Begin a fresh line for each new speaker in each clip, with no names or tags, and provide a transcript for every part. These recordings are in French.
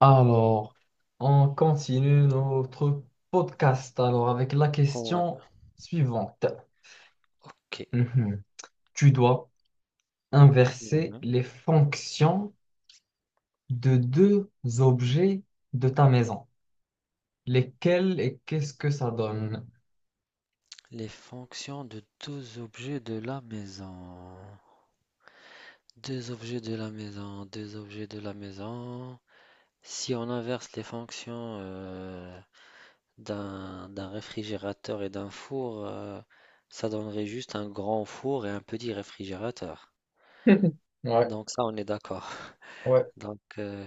Alors, on continue notre podcast. Alors, avec la
Ouais.
question suivante.
Ok.
Mhm. Tu dois inverser
Ouais.
les fonctions de deux objets de ta maison. Lesquels et qu'est-ce que ça donne?
Les fonctions de deux objets de la maison. Deux objets de la maison, deux objets de la maison. Si on inverse les fonctions d'un réfrigérateur et d'un four, ça donnerait juste un grand four et un petit réfrigérateur.
Ouais,
Donc ça, on est d'accord.
ouais,
Donc euh,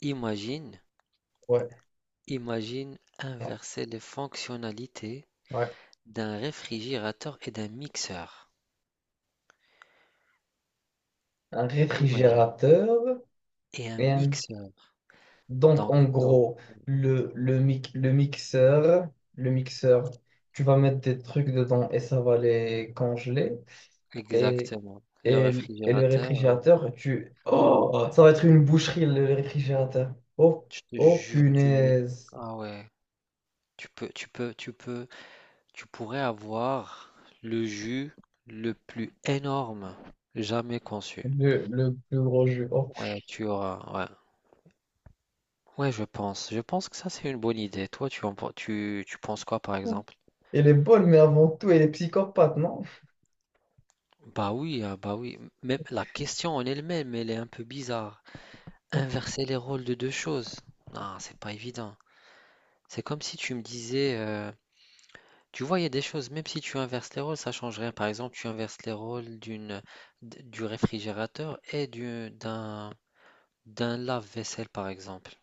imagine,
ouais,
imagine
ouais,
inverser les fonctionnalités
ouais.
d'un réfrigérateur et d'un mixeur.
Un
Imagine.
réfrigérateur
Et un
et un...
mixeur.
Donc,
Donc,
en
donc,
gros, le, le, mic- le mixeur, le mixeur, tu vas mettre des trucs dedans et ça va les congeler. Et,
exactement. Le
et le
réfrigérateur,
réfrigérateur, tu... Oh, ça va être une boucherie, le réfrigérateur. Oh,
je te
oh,
jure, tu mets.
punaise.
Ah ouais, tu peux, tu pourrais avoir le jus le plus énorme jamais conçu.
Le plus gros jeu. Oh.
Ouais, tu auras. Ouais, ouais, je pense. Je pense que ça, c'est une bonne idée. Toi, tu, tu penses quoi, par exemple?
Elle est bonne, mais avant tout, elle est psychopathe, non?
Bah oui, ah bah oui. Même la question en elle-même, elle est un peu bizarre. Inverser les rôles de deux choses. Non, c'est pas évident. C'est comme si tu me disais, tu vois, il y a des choses, même si tu inverses les rôles, ça change rien. Par exemple, tu inverses les rôles du réfrigérateur et d'un lave-vaisselle, par exemple.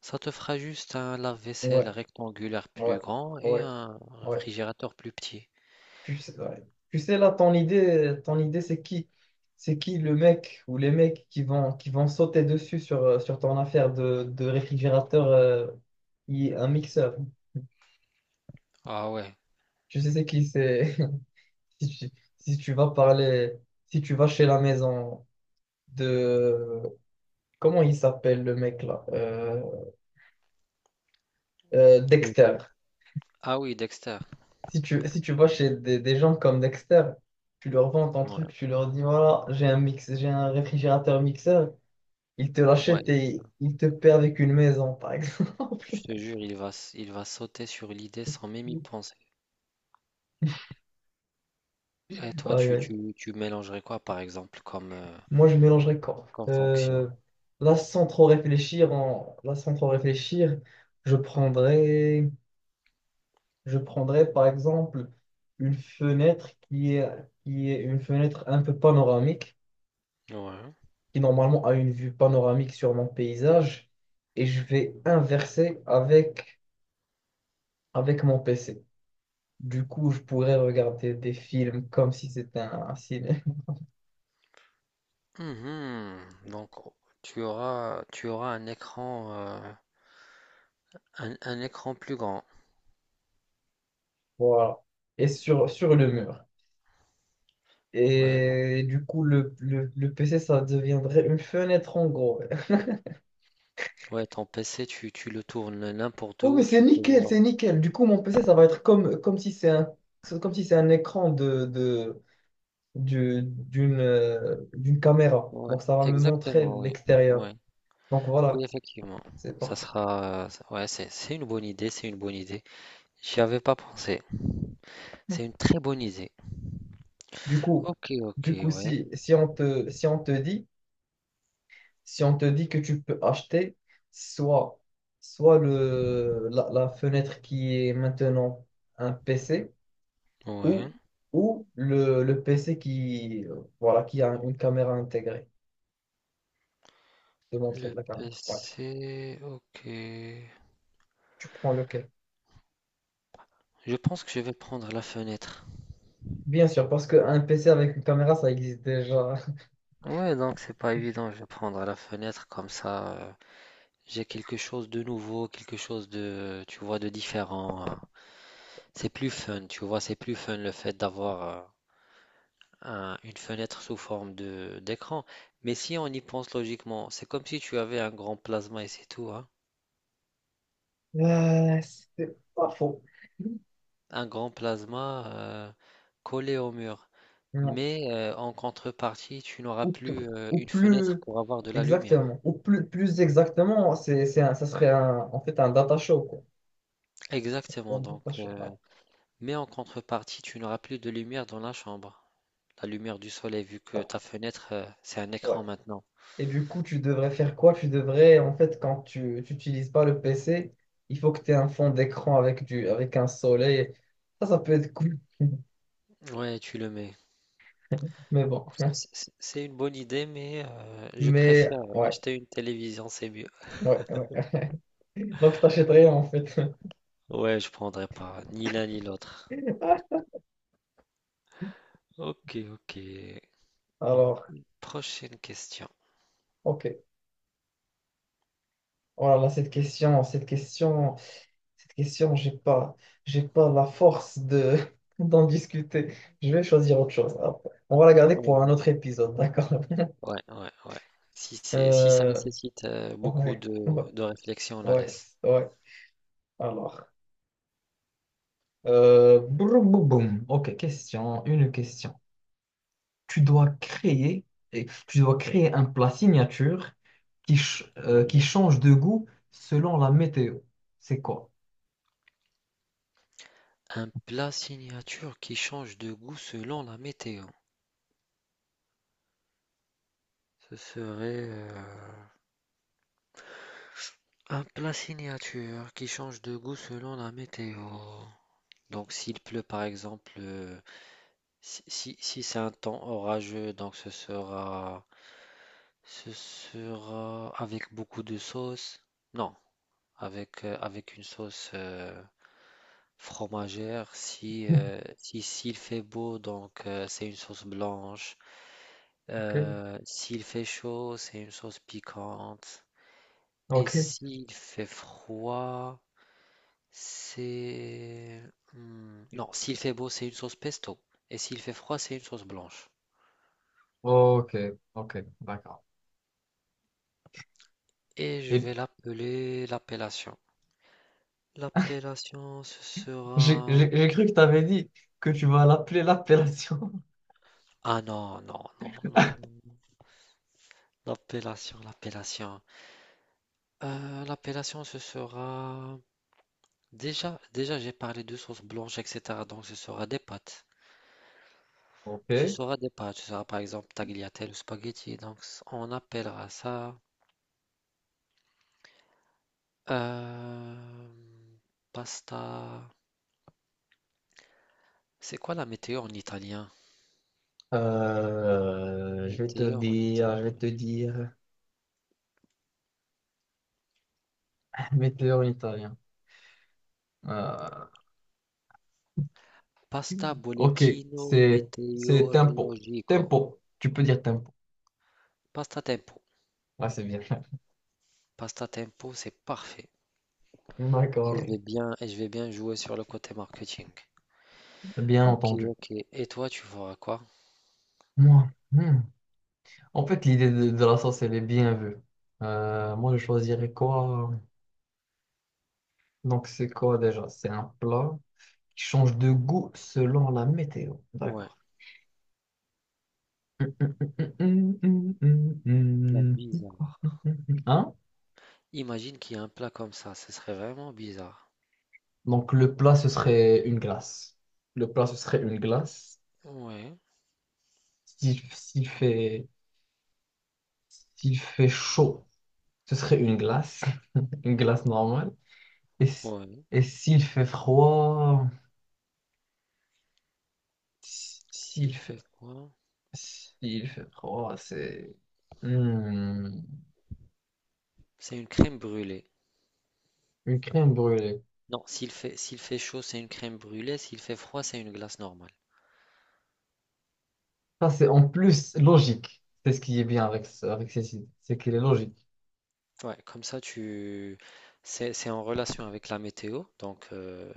Ça te fera juste un
Ouais,
lave-vaisselle rectangulaire
ouais,
plus grand et
ouais,
un
ouais.
réfrigérateur plus petit.
Tu sais, ouais. Tu sais, là, ton idée, c'est qui? C'est qui le mec ou les mecs qui vont sauter dessus sur, sur ton affaire de réfrigérateur, qui est un mixeur?
Ah ouais.
Tu sais, c'est qui? C'est Si tu, si tu vas parler, si tu vas chez la maison de... Comment il s'appelle le mec là? Dexter.
Lequel? Ah oui, Dexter.
Si tu vas chez des gens comme Dexter, tu leur vends ton
Ouais.
truc, tu leur dis voilà, j'ai un mix, j'ai un réfrigérateur mixeur, ils te
Ouais,
l'achètent et ils te perdent avec une maison, par exemple.
je te jure, il va sauter sur l'idée sans même y penser. Et toi,
Aïe, aïe.
tu mélangerais quoi, par exemple,
Moi, je mélangerais quoi?
comme fonction?
Là, sans trop réfléchir, en... là, sans trop réfléchir, je prendrais... Je prendrais par exemple une fenêtre qui est une fenêtre un peu panoramique,
Ouais.
qui normalement a une vue panoramique sur mon paysage, et je vais inverser avec mon PC. Du coup, je pourrais regarder des films comme si c'était un ciné.
Mhm. Donc tu auras un écran un écran plus grand.
Voilà. Et sur le mur.
Ouais, donc
Et du coup, le PC, ça deviendrait une fenêtre en gros.
ouais, ton PC tu le tournes n'importe
Oh, mais
où,
c'est
tu peux
nickel,
voir.
c'est nickel. Du coup, mon PC, ça va être comme si c'est un, comme si c'est un écran d'une d'une caméra.
Ouais,
Donc, ça va me montrer
exactement, oui.
l'extérieur.
Ouais.
Donc,
Oui,
voilà,
effectivement.
c'est
Ça
parfait.
sera ouais, c'est une bonne idée, c'est une bonne idée. J'y avais pas pensé. C'est une très bonne idée.
Du coup,
OK,
du
OK,
coup
ouais.
si on te dit, si on te dit que tu peux acheter soit, soit la fenêtre qui est maintenant un PC
Ouais.
ou, ou le PC qui, voilà, qui a une caméra intégrée. Je te montrer
Le
la caméra. Ouais.
PC, OK.
Tu prends lequel?
Je pense que je vais prendre la fenêtre.
Bien sûr, parce qu'un PC avec une caméra, ça existe déjà.
Ouais, donc c'est pas évident, je vais prendre à la fenêtre comme ça. J'ai quelque chose de nouveau, quelque chose de différent. C'est plus fun, tu vois, c'est plus fun le fait d'avoir une fenêtre sous forme de d'écran. Mais si on y pense logiquement, c'est comme si tu avais un grand plasma et c'est tout, hein.
Euh, c'est pas faux.
Un grand plasma collé au mur.
Non.
Mais en contrepartie, tu n'auras
Ou, p-
plus
ou
une
plus
fenêtre pour avoir de la lumière.
exactement. Plus exactement, c'est ça serait en fait un data show, quoi.
Exactement,
Un
donc.
data show, ah,
Mais en contrepartie, tu n'auras plus de lumière dans la chambre. La lumière du soleil, vu que
ah,
ta fenêtre, c'est un
ouais.
écran maintenant.
Et du coup, tu devrais faire quoi? Tu devrais, en fait, quand tu n'utilises pas le PC, il faut que tu aies un fond d'écran avec avec un soleil. Ça peut être cool.
Ouais, tu le mets.
Mais bon.
C'est une bonne idée, mais je
Mais
préfère
ouais,
acheter une télévision, c'est mieux.
ouais, ouais. Donc, t'achèterais en fait.
Ouais, je prendrai pas, ni l'un ni l'autre. Ok, ok.
Alors,
Prochaine question.
ok. Oh là là, cette question, j'ai pas la force de d'en discuter. Je vais choisir autre chose. Hop. On va la garder
Ouais,
pour un autre
vas-y.
épisode, d'accord?
Ouais, ouais, ouais. Si c'est, si ça
Euh,
nécessite beaucoup
ouais, ouais,
de réflexion, on la
ouais,
laisse.
ouais. Alors, broum, boum, boum. Ok, une question. Tu dois créer, et tu dois créer un plat signature qui
Mhm.
change de goût selon la météo. C'est quoi?
Un plat signature qui change de goût selon la météo. Ce serait un plat signature qui change de goût selon la météo. Donc s'il pleut par exemple, si c'est un temps orageux, donc ce sera avec beaucoup de sauce. Non, avec, avec une sauce fromagère. Si, s'il fait beau, donc c'est une sauce blanche.
Ok.
S'il fait chaud, c'est une sauce piquante. Et
Ok.
s'il fait froid... C'est... non, s'il fait beau, c'est une sauce pesto. Et s'il fait froid, c'est une sauce blanche.
Ok, ok, d'accord.
Et je
Et
vais l'appeler l'appellation. L'appellation, ce
j'ai
sera...
j'ai cru que tu avais dit que tu vas l'appeler l'appellation.
Ah non, non, non, non, non. L'appellation, l'appellation. L'appellation, ce sera... Déjà, j'ai parlé de sauce blanche, etc. Donc, ce sera des pâtes. Ce
Ok.
sera des pâtes. Ce sera par exemple tagliatelle ou spaghetti. Donc, on appellera ça... euh, Pasta... C'est quoi la météo en italien?
Je vais te
Météo en
dire, je vais
italien.
te dire. Météo en italien. Euh,
Pasta
ok,
bollettino
c'est tempo.
meteorologico.
Tempo. Tu peux dire tempo.
Pasta tempo.
Là, c'est bien.
Pasta tempo, c'est parfait.
D'accord.
Et je vais bien jouer sur le côté marketing.
Bien
Ok,
entendu.
ok. Et toi, tu feras quoi?
Moi, hmm. En fait, l'idée de la sauce, elle est bien vue. Moi, je choisirais quoi? Donc, c'est quoi déjà? C'est un plat. Qui change de goût selon la météo.
Ouais,
D'accord.
plat bizarre.
Hein?
Imagine qu'il y a un plat comme ça, ce serait vraiment bizarre.
Donc le plat, ce serait une glace. Le plat, ce serait une glace.
Ouais,
S'il s'il fait, s'il fait chaud, ce serait une glace. Une glace normale. Et, s-
ouais.
et s'il fait froid, s- s'il
S'il fait
fait,
froid,
s'il fait froid, c'est hmm,
c'est une crème brûlée.
une crème brûlée.
Non, s'il fait chaud, c'est une crème brûlée. S'il fait froid, c'est une glace normale.
Ça, c'est en plus logique. C'est ce qui est bien avec, avec ces sites. C'est qu'il est logique.
Ouais, comme ça, tu... c'est en relation avec la météo, donc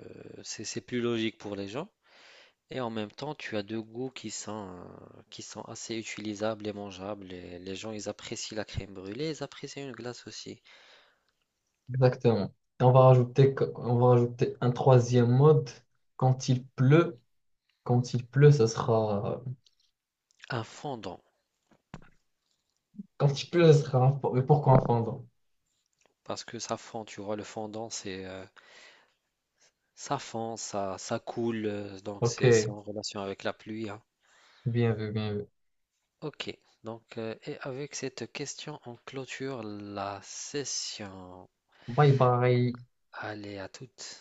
c'est plus logique pour les gens. Et en même temps, tu as deux goûts qui sont assez utilisables et mangeables. Et les gens, ils apprécient la crème brûlée, ils apprécient une glace aussi.
Exactement. Et on va rajouter, on va rajouter un troisième mode. Quand il pleut, quand il pleut, ça sera.
Un fondant,
Quand il pleut, ça sera mais pourquoi un fondant?
parce que ça fond, tu vois, le fondant, c'est ça fond, ça coule, donc
Ok.
c'est en relation avec la pluie, hein.
Bien vu, bien vu.
Ok, donc et avec cette question, on clôture la session.
Bye bye.
Allez, à toutes.